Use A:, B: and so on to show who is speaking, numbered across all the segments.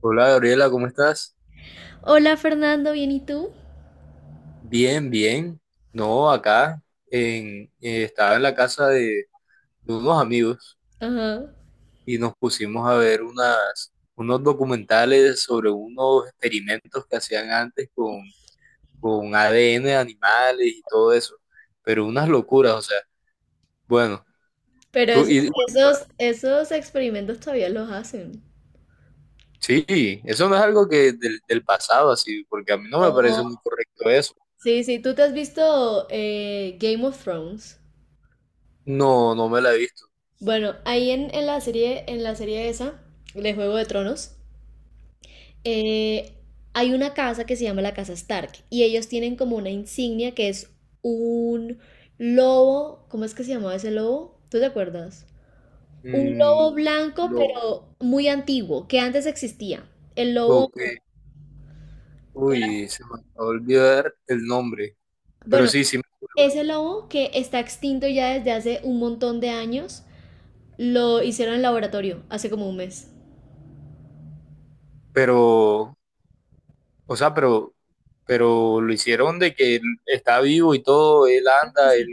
A: Hola Gabriela, ¿cómo estás?
B: Hola Fernando, ¿bien y tú?
A: Bien, bien. No, acá en, estaba en la casa de unos amigos
B: Ajá.
A: y nos pusimos a ver unos documentales sobre unos experimentos que hacían antes con ADN de animales y todo eso. Pero unas locuras, o sea, bueno,
B: Pero
A: tú
B: esos,
A: y
B: esos experimentos todavía los hacen.
A: sí, eso no es algo que del pasado así, porque a mí no me
B: Oh.
A: parece muy correcto eso.
B: Sí, sí, tú te has visto Game of Thrones.
A: No, no me la he visto.
B: Bueno, ahí en la serie esa, de Juego de Tronos, eh, hay una casa que se llama la Casa Stark y ellos tienen como una insignia que es un lobo. ¿Cómo es que se llamaba ese lobo? ¿Tú te acuerdas? Un
A: Mm,
B: lobo blanco,
A: lo,
B: pero muy antiguo, que antes existía. El lobo,
A: ok. Uy, se me acabó de olvidar el nombre. Pero
B: bueno,
A: sí, sí, me acuerdo.
B: ese lobo que está extinto ya desde hace un montón de años, lo hicieron en laboratorio hace como un mes.
A: Pero, o sea, pero lo hicieron de que él está vivo y todo, él
B: Sí,
A: anda, él,
B: sí.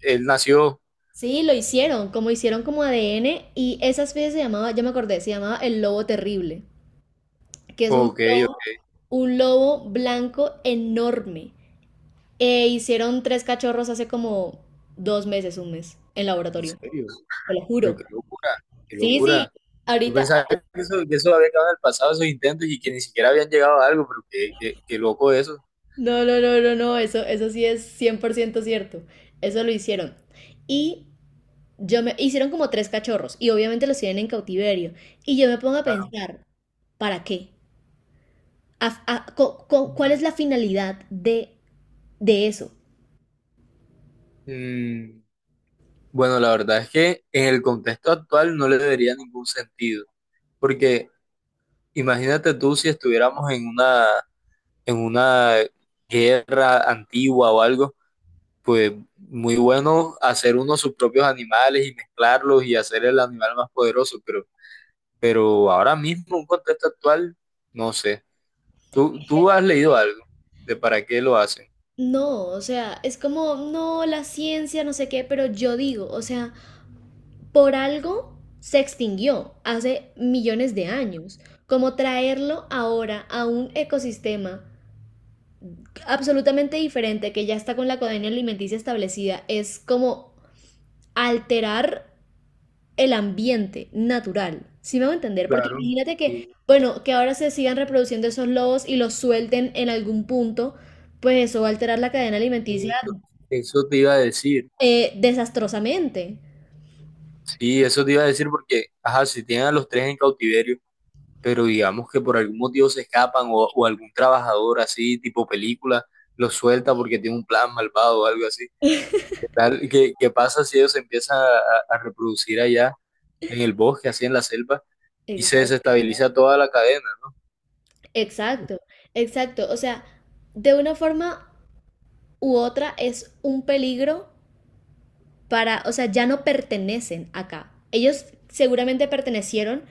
A: él nació.
B: Sí, lo hicieron como ADN, y esa especie se llamaba, ya me acordé, se llamaba el lobo terrible, que es
A: Ok, ok,
B: un lobo blanco enorme. E hicieron tres cachorros hace como dos meses, un mes, en
A: en
B: laboratorio,
A: serio.
B: te lo
A: Pero
B: juro.
A: qué locura, qué
B: Sí, sí,
A: locura. Yo
B: ahorita.
A: pensaba que eso había quedado en el pasado, esos intentos, y que ni siquiera habían llegado a algo, pero qué, qué, qué loco eso.
B: No, no, no, no, no, eso sí es 100% cierto. Eso lo hicieron. Y yo me hicieron como tres cachorros y obviamente los tienen en cautiverio. Y yo me pongo a
A: Claro.
B: pensar, ¿para qué? ¿Cuál es la finalidad de eso?
A: Mm, bueno, la verdad es que en el contexto actual no le debería ningún sentido, porque imagínate tú si estuviéramos en una guerra antigua o algo, pues muy bueno hacer uno sus propios animales y mezclarlos y hacer el animal más poderoso, pero ahora mismo, un contexto actual, no sé. ¿Tú, tú has leído algo de para qué lo hacen?
B: No, o sea, es como, no, la ciencia, no sé qué, pero yo digo, o sea, por algo se extinguió hace millones de años. Como traerlo ahora a un ecosistema absolutamente diferente que ya está con la codenia alimenticia establecida, es como alterar el ambiente natural. ¿Sí me va a entender? Porque
A: Claro.
B: imagínate que,
A: Y,
B: bueno, que ahora se sigan reproduciendo esos lobos y los suelten en algún punto, pues eso va a alterar la cadena
A: y
B: alimenticia
A: esto- eso te iba a decir,
B: desastrosamente.
A: sí, eso te iba a decir porque, ajá, si tienen a los tres en cautiverio, pero digamos que por algún motivo se escapan o algún trabajador así, tipo película, los suelta porque tiene un plan malvado o algo así. ¿Qué tal? ¿Qué, qué pasa si ellos se empiezan a reproducir allá en el bosque, así en la selva, y se
B: Exacto.
A: desestabiliza toda la cadena, ¿no?
B: Exacto, exacto. O sea, de una forma u otra es un peligro para, o sea, ya no pertenecen acá. Ellos seguramente pertenecieron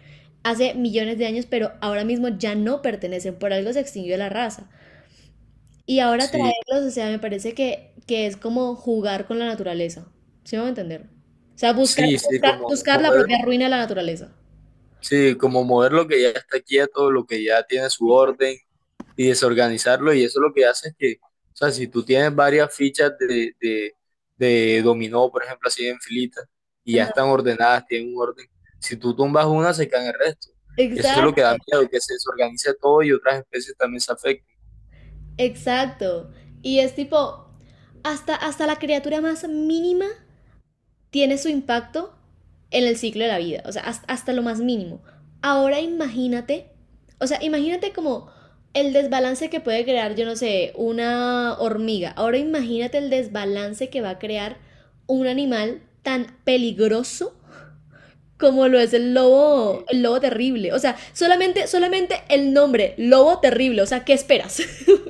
B: hace millones de años, pero ahora mismo ya no pertenecen, por algo se extinguió la raza. Y ahora
A: Sí,
B: traerlos, o sea, me parece que es como jugar con la naturaleza. ¿Sí me va a entender? O sea, buscar,
A: sí,
B: buscar, buscar la propia ruina de la naturaleza.
A: sí, como mover lo que ya está quieto, lo que ya tiene su orden, y desorganizarlo. Y eso lo que hace es que, o sea, si tú tienes varias fichas de dominó, por ejemplo, así en filitas, y ya están
B: Ajá.
A: ordenadas, tienen un orden, si tú tumbas una, se caen el resto. Y eso es lo que
B: Exacto,
A: da miedo, que se desorganice todo y otras especies también se afecten.
B: exacto. Y es tipo, hasta, hasta la criatura más mínima tiene su impacto en el ciclo de la vida, o sea, hasta lo más mínimo. Ahora imagínate, o sea, imagínate como el desbalance que puede crear, yo no sé, una hormiga. Ahora imagínate el desbalance que va a crear un animal tan peligroso como lo es
A: Y,
B: el lobo terrible. O sea, solamente, solamente el nombre, lobo terrible. O sea, ¿qué esperas?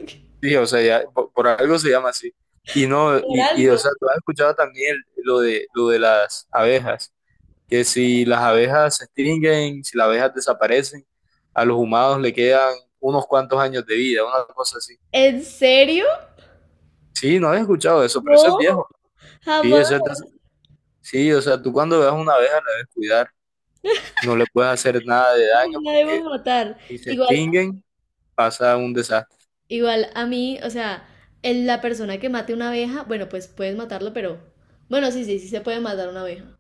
A: sí, o sea, ya, por algo se llama así. Y no,
B: Por
A: y o
B: algo.
A: sea, tú has escuchado también el- lo de las abejas. Que si las abejas se extinguen, si las abejas desaparecen, a los humanos le quedan unos cuantos años de vida, una cosa así.
B: ¿En serio?
A: Sí, no había escuchado eso, pero eso es
B: No,
A: viejo. Sí,
B: jamás.
A: eso es de hace- sí, o sea, tú cuando veas una abeja la debes cuidar, no le puedes hacer nada de daño
B: La debo
A: porque
B: matar.
A: si se
B: Igual,
A: extinguen pasa un desastre.
B: igual a mí, o sea, la persona que mate una abeja, bueno, pues puedes matarlo, pero... Bueno, sí, sí, sí se puede matar una abeja.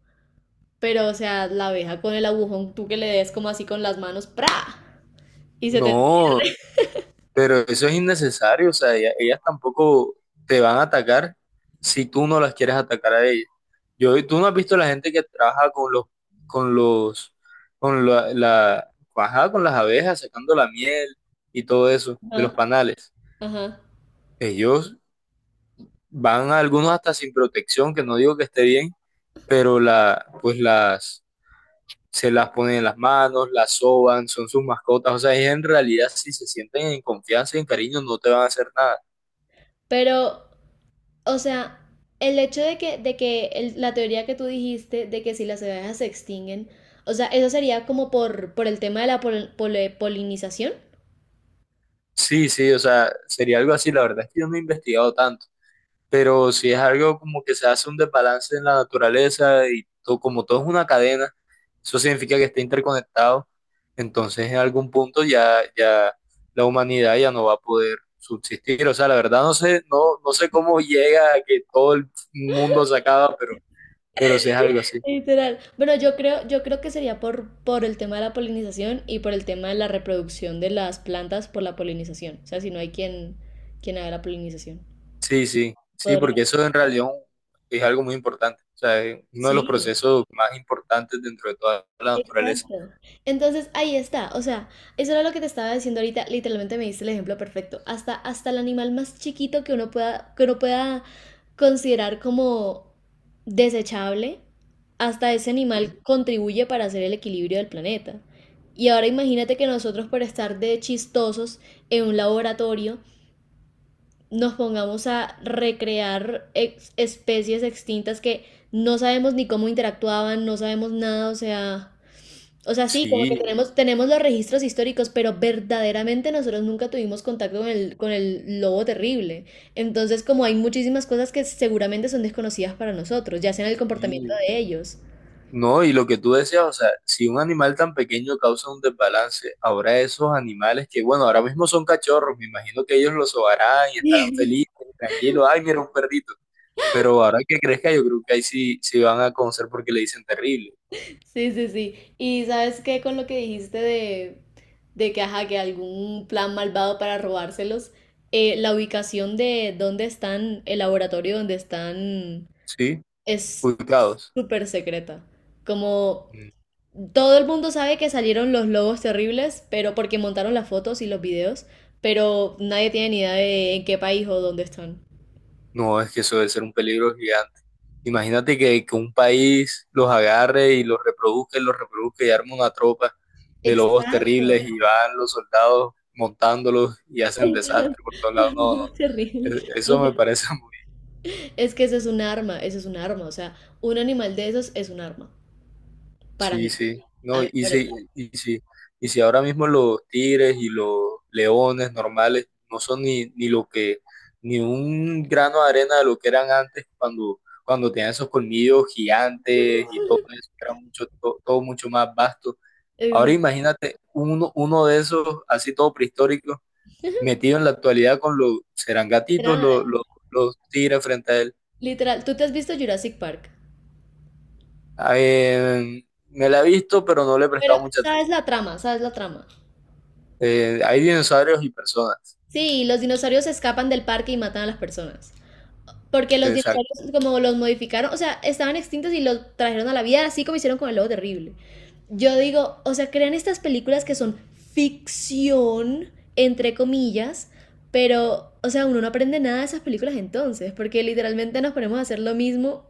B: Pero, o sea, la abeja con el agujón, tú que le des como así con las manos, ¡pra! Y se te...
A: No, pero eso es innecesario, o sea, ella- ellas, tampoco te van a atacar si tú no las quieres atacar a ellas. Yo, tú no has visto la gente que trabaja con los, con la, la, ajá, con las abejas, sacando la miel y todo eso de los
B: Ajá,
A: panales.
B: ajá.
A: Ellos van algunos hasta sin protección, que no digo que esté bien, pero la, pues las, se las ponen en las manos, las soban, son sus mascotas. O sea, ellos en realidad si se sienten en confianza y en cariño no te van a hacer nada.
B: Pero, o sea, el hecho de que la teoría que tú dijiste de que si las abejas se extinguen, o sea, eso sería como por el tema de la polinización.
A: Sí, sí, o sea, sería algo así. La verdad es que yo no he investigado tanto. Pero si es algo como que se hace un desbalance en la naturaleza y to- como todo es una cadena, eso significa que está interconectado, entonces en algún punto ya, ya la humanidad ya no va a poder subsistir. O sea, la verdad no sé, no, no sé cómo llega a que todo el mundo se acaba, pero sí es algo así.
B: Literal. Bueno, yo creo que sería por el tema de la polinización y por el tema de la reproducción de las plantas por la polinización. O sea, si no hay quien, quien haga la polinización.
A: Sí, sí, sí,
B: Podría.
A: porque eso en realidad un- es algo muy importante. O sea, es uno de los
B: Sí.
A: procesos más importantes dentro de toda la naturaleza.
B: Exacto. Entonces ahí está, o sea, eso era lo que te estaba diciendo ahorita, literalmente me diste el ejemplo perfecto. Hasta, hasta el animal más chiquito que uno pueda considerar como desechable, hasta ese animal contribuye para hacer el equilibrio del planeta. Y ahora imagínate que nosotros por estar de chistosos en un laboratorio nos pongamos a recrear especies extintas que no sabemos ni cómo interactuaban, no sabemos nada, o sea... O sea, sí, como que
A: Sí,
B: tenemos, tenemos los registros históricos, pero verdaderamente nosotros nunca tuvimos contacto con el lobo terrible. Entonces, como hay muchísimas cosas que seguramente son desconocidas para nosotros, ya sea en el comportamiento
A: sí.
B: de ellos.
A: No, y lo que tú decías, o sea, si un animal tan pequeño causa un desbalance, ahora esos animales que, bueno, ahora mismo son cachorros, me imagino que ellos los sobarán y estarán felices, tranquilos, ay, mira un perrito, pero ahora que crezca yo creo que ahí sí, sí van a conocer porque le dicen terrible,
B: Sí, sí, sí. Y sabes qué, con lo que dijiste de que, ajá, que algún plan malvado para robárselos, la ubicación de dónde están, el laboratorio donde están,
A: ¿sí?
B: es
A: Ubicados.
B: súper secreta. Como todo el mundo sabe que salieron los lobos terribles, pero porque montaron las fotos y los videos, pero nadie tiene ni idea de en qué país o dónde están.
A: No, es que eso debe ser un peligro gigante. Imagínate que un país los agarre y los reproduzca y los reproduzca y arma una tropa de lobos
B: Exacto.
A: terribles y van los soldados montándolos y hacen desastre por todos lados. No,
B: No,
A: no,
B: es
A: no.
B: terrible.
A: E-
B: O
A: eso
B: sea,
A: me parece
B: es que ese es un arma, ese es un arma. O sea, un animal de esos es un arma. Para mí.
A: Sí, sí,
B: A mí
A: no,
B: me
A: y
B: parece.
A: si, y si, y si ahora mismo los tigres y los leones normales no son ni, ni lo que, ni un grano de arena de lo que eran antes cuando, cuando tenían esos colmillos gigantes y todo eso, que era mucho, to- todo mucho más vasto.
B: Eso,
A: Ahora
B: es
A: imagínate uno, uno de esos, así todo prehistórico, metido en la actualidad con los, serán gatitos
B: literal,
A: los tigres frente a él.
B: literal. Tú te has visto Jurassic Park.
A: Ah, me la he visto, pero no le he
B: Pero
A: prestado mucha
B: sabes
A: atención.
B: la trama, sabes la trama.
A: Hay dinosaurios y personas.
B: Sí, los dinosaurios escapan del parque y matan a las personas. Porque los
A: Exacto.
B: dinosaurios, como los modificaron, o sea, estaban extintos y los trajeron a la vida, así como hicieron con el lobo terrible. Yo digo, o sea, crean estas películas que son ficción, entre comillas, pero, o sea, uno no aprende nada de esas películas entonces, porque literalmente nos ponemos a hacer lo mismo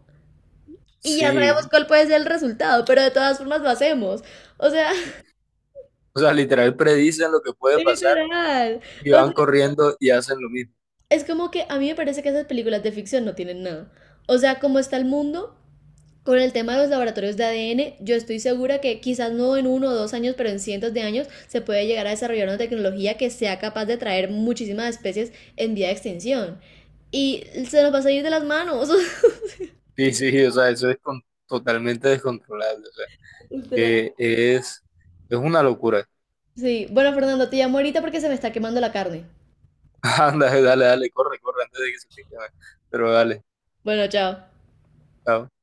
B: y ya sabemos
A: Sí.
B: cuál puede ser el resultado, pero de todas formas lo hacemos. O sea,
A: O sea, literal predicen lo que puede pasar
B: literal.
A: y
B: O
A: van
B: sea,
A: corriendo y hacen lo mismo.
B: es como que a mí me parece que esas películas de ficción no tienen nada. O sea, como está el mundo, con el tema de los laboratorios de ADN, yo estoy segura que quizás no en uno o dos años, pero en cientos de años se puede llegar a desarrollar una tecnología que sea capaz de traer muchísimas especies en vía de extinción. Y se nos va a salir de las manos.
A: Sí, sí, o sea, eso es con- totalmente descontrolable. O sea,
B: Literal.
A: eh, es, es una locura.
B: Sí, bueno, Fernando, te llamo ahorita porque se me está quemando la carne.
A: Anda, dale, dale, corre, corre antes de que se te queme. Pero dale,
B: Bueno, chao.
A: chao.